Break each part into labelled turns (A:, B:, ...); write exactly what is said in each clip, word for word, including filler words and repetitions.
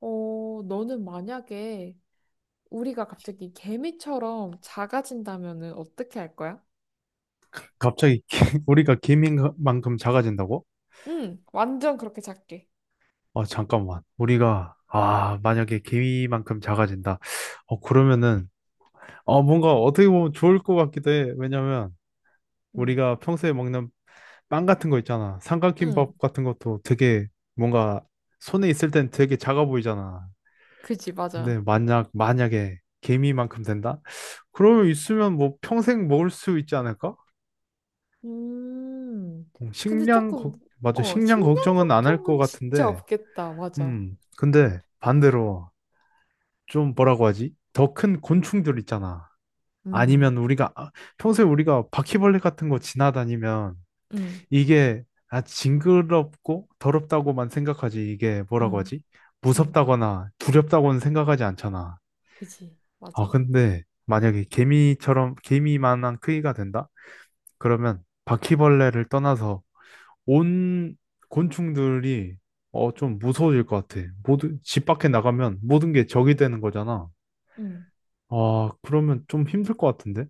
A: 어, 너는 만약에 우리가 갑자기 개미처럼 작아진다면은 어떻게 할 거야?
B: 갑자기 개- 우리가 개미만큼 작아진다고?
A: 응, 완전 그렇게 작게.
B: 아, 잠깐만. 우리가, 아, 만약에 개미만큼 작아진다. 어, 그러면은, 어, 뭔가 어떻게 보면 좋을 것 같기도 해. 왜냐면,
A: 응.
B: 우리가 평소에 먹는 빵 같은 거 있잖아.
A: 응,
B: 삼각김밥 같은 것도 되게 뭔가 손에 있을 땐 되게 작아 보이잖아.
A: 그지,
B: 근데
A: 맞아.
B: 만약, 만약에 개미만큼 된다? 그러면 있으면 뭐 평생 먹을 수 있지 않을까?
A: 음,
B: 음,
A: 근데
B: 식량,
A: 조금,
B: 걱- 맞아.
A: 어,
B: 식량
A: 식량
B: 걱정은 안 할 것
A: 걱정은 진짜
B: 같은데,
A: 없겠다, 맞아.
B: 음, 근데 반대로 좀 뭐라고 하지? 더 큰 곤충들 있잖아. 아니면
A: 음.
B: 우리가 아, 평소에 우리가 바퀴벌레 같은 거 지나다니면
A: 응,
B: 이게 아, 징그럽고 더럽다고만 생각하지. 이게 뭐라고
A: 응,
B: 하지?
A: 응,
B: 무섭다거나 두렵다고는 생각하지 않잖아.
A: 그지,
B: 아,
A: 맞아.
B: 근데 만약에 개미처럼 개미만한 크기가 된다? 그러면 바퀴벌레를 떠나서 온 곤충들이 어, 좀 무서워질 것 같아. 모두, 집 밖에 나가면 모든 게 적이 되는 거잖아.
A: 응.
B: 아, 그러면 좀 힘들 것 같은데?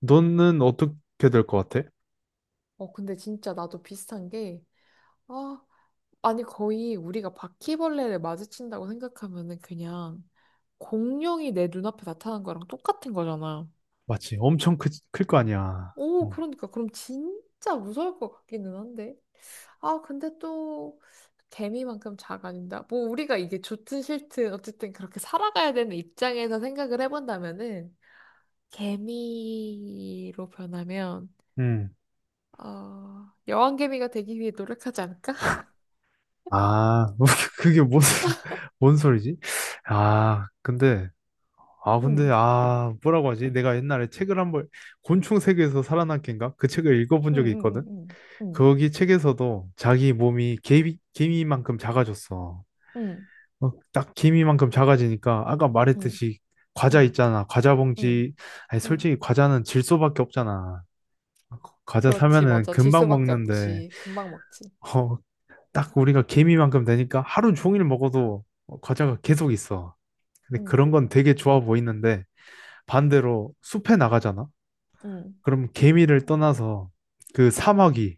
B: 너는 어떻게 될 것 같아?
A: 어, 근데 진짜 나도 비슷한 게, 아, 아니, 거의 우리가 바퀴벌레를 마주친다고 생각하면은 그냥 공룡이 내 눈앞에 나타난 거랑 똑같은 거잖아.
B: 맞지, 엄청 크, 클 거 아니야.
A: 오,
B: 어.
A: 그러니까 그럼 진짜 무서울 것 같기는 한데. 아, 근데 또 개미만큼 작아진다. 뭐 우리가 이게 좋든 싫든 어쨌든 그렇게 살아가야 되는 입장에서 생각을 해본다면은 개미로 변하면
B: 음.
A: 어, 여왕개미가 되기 위해 노력하지 않을까?
B: 아, 그게 무슨, 뭔 소리지? 아, 근데, 아, 근데,
A: 응,
B: 아, 뭐라고 하지? 내가 옛날에 책을 한 번, 곤충 세계에서 살아남기인가? 그 책을 읽어본
A: 응,
B: 적이
A: 응,
B: 있거든?
A: 응, 응,
B: 거기 책에서도 자기 몸이 개미, 개미만큼 작아졌어.
A: 응,
B: 어, 딱 개미만큼 작아지니까 아까 말했듯이 과자
A: 응,
B: 있잖아. 과자
A: 응,
B: 봉지. 아니,
A: 응.
B: 솔직히 과자는 질소밖에 없잖아. 과자
A: 그렇지,
B: 사면은
A: 맞아. 질
B: 금방
A: 수밖에
B: 먹는데
A: 없지. 금방 먹지.
B: 어, 딱 우리가 개미만큼 되니까 하루 종일 먹어도 어, 과자가 계속 있어. 근데
A: 응,
B: 그런 건 되게 좋아 보이는데 반대로 숲에 나가잖아.
A: 응.
B: 그럼 개미를 떠나서 그 사마귀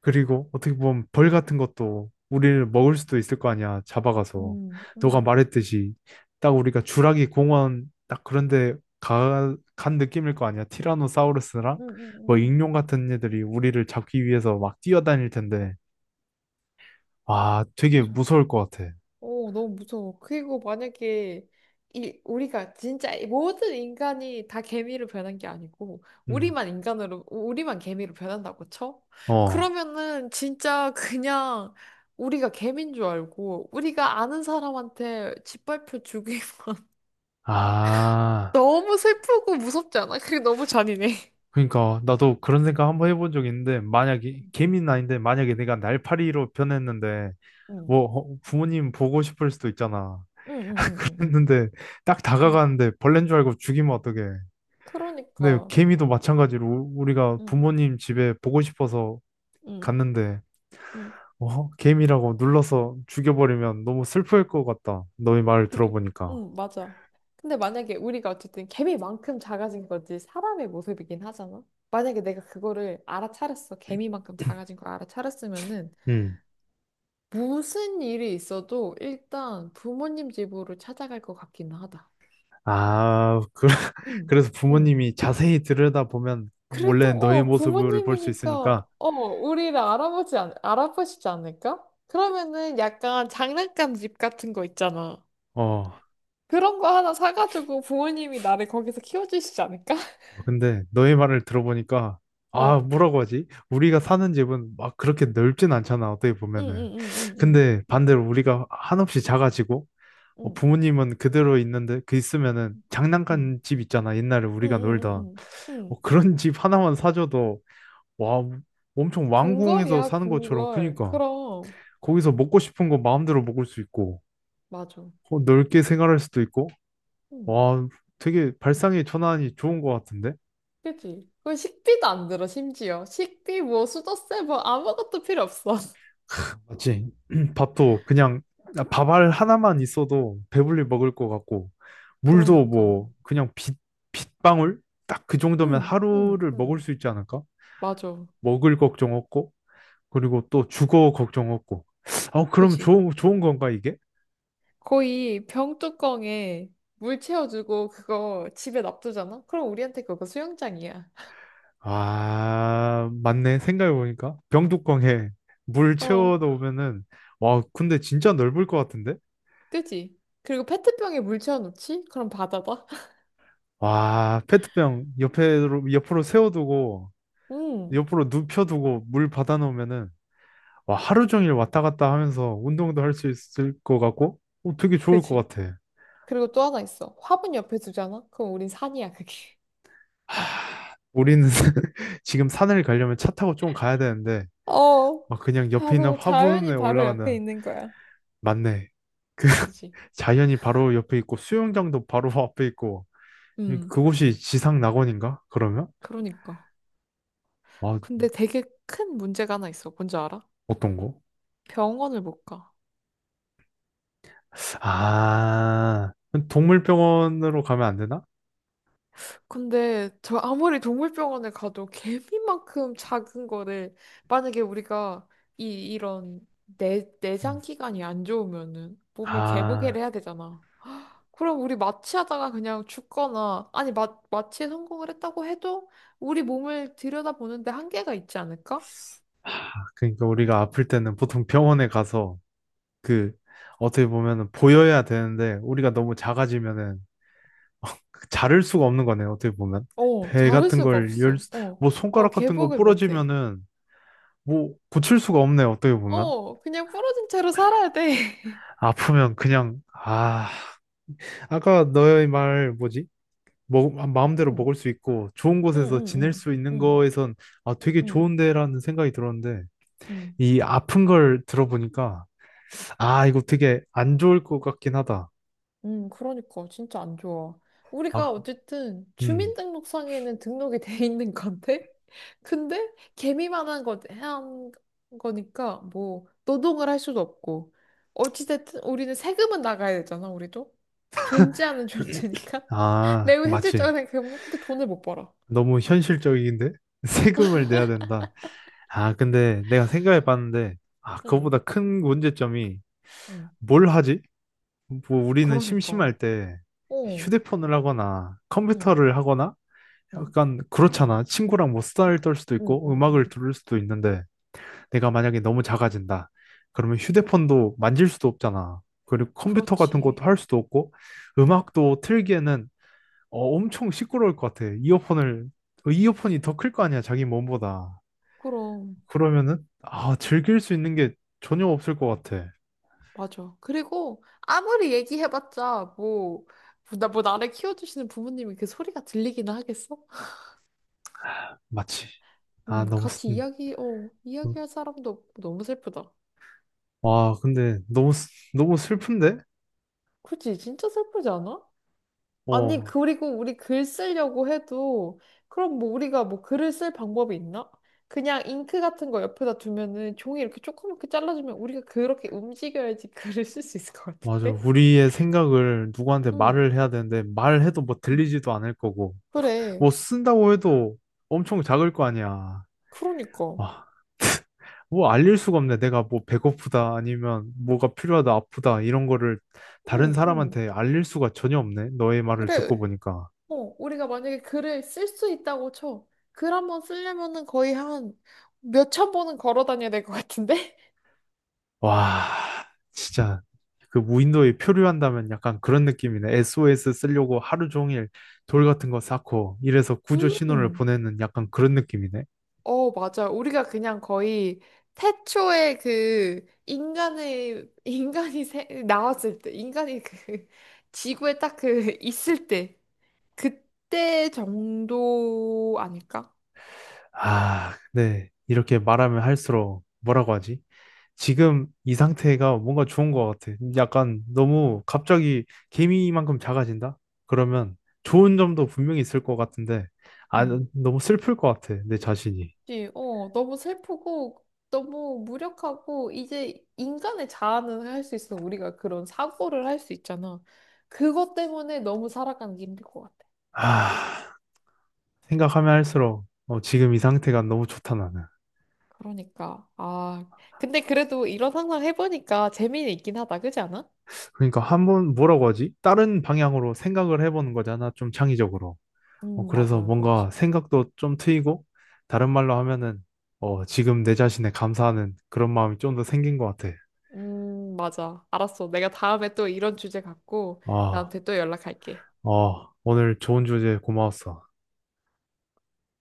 B: 그리고 어떻게 보면 벌 같은 것도 우리를 먹을 수도 있을 거 아니야, 잡아가서.
A: 음,
B: 너가
A: 음,
B: 말했듯이 딱 우리가 주라기 공원 딱 그런데 가, 간 느낌일 거 아니야. 티라노사우루스랑
A: 음, 음,
B: 뭐
A: 음, 음.
B: 익룡
A: 음.
B: 같은 애들이 우리를 잡기 위해서 막 뛰어다닐 텐데. 와, 되게
A: 맞아.
B: 무서울 것 같아.
A: 오 너무 무서워. 그리고 만약에 이 우리가 진짜 이 모든 인간이 다 개미로 변한 게 아니고
B: 음.
A: 우리만 인간으로 우리만 개미로 변한다고 쳐?
B: 어.
A: 그러면은 진짜 그냥 우리가 개미인 줄 알고 우리가 아는 사람한테 짓밟혀 죽이면
B: 아.
A: 너무 슬프고 무섭지 않아? 그게 너무 잔인해.
B: 그러니까 나도 그런 생각 한번 해본 적 있는데 만약에 개미는 아닌데 만약에 내가 날파리로 변했는데
A: 응,
B: 뭐 어, 부모님 보고 싶을 수도 있잖아.
A: 응, 응, 응, 응.
B: 했는데 딱
A: 응.
B: 다가가는데 벌레인 줄 알고 죽이면 어떡해. 근데
A: 그러니까.
B: 개미도 마찬가지로 우- 우리가
A: 응,
B: 부모님 집에 보고 싶어서
A: 응,
B: 갔는데
A: 응.
B: 어? 개미라고 눌러서 죽여버리면 너무 슬플 것 같다. 너의 말을
A: 그,
B: 들어보니까.
A: 응, 맞아. 근데 만약에 우리가 어쨌든 개미만큼 작아진 거지 사람의 모습이긴 하잖아. 만약에 내가 그거를 알아차렸어. 개미만큼 작아진 걸 알아차렸으면은
B: 음.
A: 무슨 일이 있어도 일단 부모님 집으로 찾아갈 것 같기는 하다.
B: 아, 그,
A: 응,
B: 그래서
A: 응.
B: 부모님이 자세히 들여다보면 원래
A: 그래도
B: 너의
A: 어
B: 모습을 볼 수
A: 부모님이니까
B: 있으니까
A: 어 우리를 알아보지 않, 알아보시지 않을까? 그러면은 약간 장난감 집 같은 거 있잖아.
B: 어,
A: 그런 거 하나 사가지고 부모님이 나를 거기서 키워주시지 않을까?
B: 아, 근데 너의 말을 들어보니까 아 뭐라고 하지? 우리가 사는 집은 막 그렇게 넓진 않잖아 어떻게 보면은
A: 응응응응응응응응응응응응
B: 근데 반대로 우리가 한없이 작아지고 어,
A: 응
B: 부모님은 그대로 있는데 그 있으면은
A: 응.
B: 장난감 집 있잖아 옛날에 우리가 놀던
A: 응응응응. 응.
B: 어, 그런 집 하나만 사줘도 와 엄청 왕궁에서
A: 궁궐이야
B: 사는 것처럼
A: 궁궐
B: 크니까
A: 그럼.
B: 거기서 먹고 싶은 거 마음대로 먹을 수 있고
A: 맞아.
B: 어, 넓게 생활할 수도 있고
A: 응.
B: 와 되게 발상의 전환이 좋은 것 같은데?
A: 그지. 그 식비도 안 들어. 심지어 식비 뭐 수저세 뭐 아무것도 필요 없어.
B: 맞지? 밥도 그냥 밥알 하나만 있어도 배불리 먹을 것 같고 물도
A: 그러니까.
B: 뭐 그냥 빗, 빗방울? 딱 그 정도면 하루를 먹을
A: 응응응.
B: 수 있지 않을까?
A: 맞아.
B: 먹을 걱정 없고 그리고 또 주거 걱정 없고 어 그럼
A: 그지.
B: 좋은 좋은 건가 이게?
A: 거의 병뚜껑에 물 채워주고 그거 집에 놔두잖아. 그럼 우리한테 그거 수영장이야.
B: 아 맞네 생각해보니까 병뚜껑에 물 채워
A: 어.
B: 두면은 와 근데 진짜 넓을 것 같은데?
A: 그지. 그리고 페트병에 물 채워놓지. 그럼 바다다.
B: 와 페트병 옆에로 옆으로 세워두고
A: 응.
B: 옆으로 눕혀두고 물 받아놓으면은 와, 하루 종일 왔다 갔다 하면서 운동도 할 수 있을 것 같고 어, 되게 좋을 것
A: 그지.
B: 같아.
A: 그리고 또 하나 있어. 화분 옆에 두잖아? 그럼 우린 산이야, 그게.
B: 하, 우리는 지금 산을 가려면 차 타고 좀 가야 되는데
A: 어,
B: 막 그냥 옆에 있는
A: 바로 자연이
B: 화분에
A: 바로 옆에
B: 올라가는
A: 있는 거야.
B: 맞네.
A: 그지?
B: 자연이 바로 옆에 있고 수영장도 바로 앞에 있고 이-
A: 음,
B: 그곳이 지상 낙원인가? 그러면?
A: 그러니까.
B: 아,
A: 근데 되게 큰 문제가 하나 있어. 뭔지 알아?
B: 어떤 거?
A: 병원을 못 가.
B: 아, 동물병원으로 가면 안 되나?
A: 근데 저 아무리 동물병원을 가도 개미만큼 작은 거를 만약에 우리가 이 이런 내 내장
B: 음.
A: 기관이 안 좋으면은 몸을 개보개를
B: 아.
A: 해야 되잖아. 그럼 우리 마취하다가 그냥 죽거나, 아니, 마, 마취에 성공을 했다고 해도 우리 몸을 들여다보는데 한계가 있지 않을까?
B: 그러니까 우리가 아플 때는 보통 병원에 가서 그 어떻게 보면은 보여야 되는데 우리가 너무 작아지면은 자를 수가 없는 거네요. 어떻게 보면
A: 어,
B: 배
A: 잘를
B: 같은
A: 수가
B: 걸 열,
A: 없어.
B: 수-
A: 어,
B: 뭐
A: 어,
B: 손가락 같은 거
A: 개복을 못해.
B: 부러지면은 뭐 고칠 수가 없네요. 어떻게 보면
A: 어, 그냥 부러진 채로 살아야 돼.
B: 아프면 그냥 아 아까 너의 말 뭐지? 먹, 마음대로
A: 응,
B: 먹을 수 있고 좋은
A: 응,
B: 곳에서
A: 응,
B: 지낼
A: 응,
B: 수 있는
A: 응,
B: 거에선 아 되게
A: 응,
B: 좋은데라는 생각이 들었는데
A: 응.
B: 이 아픈 걸 들어보니까 아 이거 되게 안 좋을 것 같긴 하다.
A: 음, 그러니까 진짜 안 좋아. 우리가
B: 아,
A: 어쨌든
B: 음.
A: 주민등록상에는 등록이 돼 있는 건데, 근데 개미만 한 거, 한 거니까 뭐 노동을 할 수도 없고, 어찌됐든 우리는 세금은 나가야 되잖아, 우리도. 존재하는 존재니까.
B: 아,
A: 매우
B: 맞지.
A: 현실적인 생각해보면 근데 돈을 못 벌어.
B: 너무 현실적인데? 세금을 내야 된다. 아, 근데 내가 생각해 봤는데, 아,
A: 응,
B: 그거보다 큰 문제점이
A: 응.
B: 뭘 하지? 뭐, 우리는
A: 그러니까.
B: 심심할 때
A: 어,
B: 휴대폰을 하거나
A: 응,
B: 컴퓨터를 하거나
A: 응,
B: 약간 그렇잖아. 친구랑 뭐 수다를 떨 수도
A: 응,
B: 있고
A: 응, 응.
B: 음악을 들을 수도 있는데, 내가 만약에 너무 작아진다. 그러면 휴대폰도 만질 수도 없잖아. 그리고 컴퓨터 같은
A: 그렇지.
B: 것도 할 수도 없고,
A: 응.
B: 음악도 틀기에는 어, 엄청 시끄러울 것 같아. 이어폰을, 어, 이어폰이 더 클 거 아니야, 자기 몸보다.
A: 그럼.
B: 그러면은, 아, 즐길 수 있는 게 전혀 없을 것 같아.
A: 맞아. 그리고 아무리 얘기해봤자 뭐, 뭐 나, 뭐 나를 키워주시는 부모님이 그 소리가 들리기는 하겠어?
B: 마치. 아,
A: 음,
B: 너무,
A: 같이
B: 슬-
A: 이야기, 어,
B: 음.
A: 이야기할 사람도 없고 너무 슬프다.
B: 와, 근데 너무, 슬- 너무 슬픈데?
A: 그치? 진짜 슬프지 않아? 아니,
B: 어,
A: 그리고 우리 글 쓰려고 해도 그럼 뭐 우리가 뭐 글을 쓸 방법이 있나? 그냥 잉크 같은 거 옆에다 두면은 종이 이렇게 조그맣게 잘라주면 우리가 그렇게 움직여야지 글을 쓸 수 있을 것
B: 맞아.
A: 같은데?
B: 우리의 생각을 누구한테
A: 응,
B: 말을 해야 되는데, 말해도 뭐
A: 응.
B: 들리지도 않을 거고,
A: 그래.
B: 뭐 쓴다고 해도 엄청 작을 거 아니야.
A: 그러니까.
B: 와, 뭐 알릴 수가 없네. 내가 뭐 배고프다 아니면 뭐가 필요하다 아프다 이런 거를 다른
A: 응, 응.
B: 사람한테 알릴 수가 전혀 없네. 너의 말을 듣고
A: 그래.
B: 보니까.
A: 어, 우리가 만약에 글을 쓸 수 있다고 쳐. 글 한 번 쓰려면은 거의 한 몇 천 번은 걸어 다녀야 될 것 같은데?
B: 와, 진짜 그 무인도에 표류한다면 약간 그런 느낌이네. 에스오에스 쓰려고 하루 종일 돌 같은 거 쌓고 이래서 구조 신호를
A: 음,
B: 보내는 약간 그런 느낌이네.
A: 어, 맞아. 우리가 그냥 거의 태초에 그 인간의, 인간이 세- 나왔을 때, 인간이 그 지구에 딱 그 있을 때, 그때 정도 아닐까?
B: 아, 네. 이렇게 말하면 할수록 뭐라고 하지? 지금 이 상태가 뭔가 좋은 것 같아. 약간 너무 갑자기 개미만큼 작아진다? 그러면 좋은 점도 분명히 있을 것 같은데, 아, 너무 슬플 것 같아. 내 자신이.
A: 그치? 어, 너무 슬프고, 너무 무력하고, 이제 인간의 자아는 할 수 있어. 우리가 그런 사고를 할 수 있잖아. 그것 때문에 너무 살아가는 게 힘들 것 같아.
B: 아, 생각하면 할수록 어, 지금 이 상태가 너무 좋다, 나는.
A: 그러니까, 아. 근데 그래도 이런 상상 해보니까 재미는 있긴 하다. 그지 않아?
B: 그러니까 한번 뭐라고 하지? 다른 방향으로 생각을 해보는 거잖아. 좀 창의적으로. 어,
A: 음,
B: 그래서
A: 맞아.
B: 뭔가
A: 그렇지.
B: 생각도 좀 트이고, 다른 말로 하면은, 어, 지금 내 자신에 감사하는 그런 마음이 좀 더 생긴 것 같아.
A: 음, 맞아. 알았어. 내가 다음에 또 이런 주제 갖고
B: 아,
A: 나한테 또 연락할게.
B: 어, 오늘 좋은 주제 고마웠어.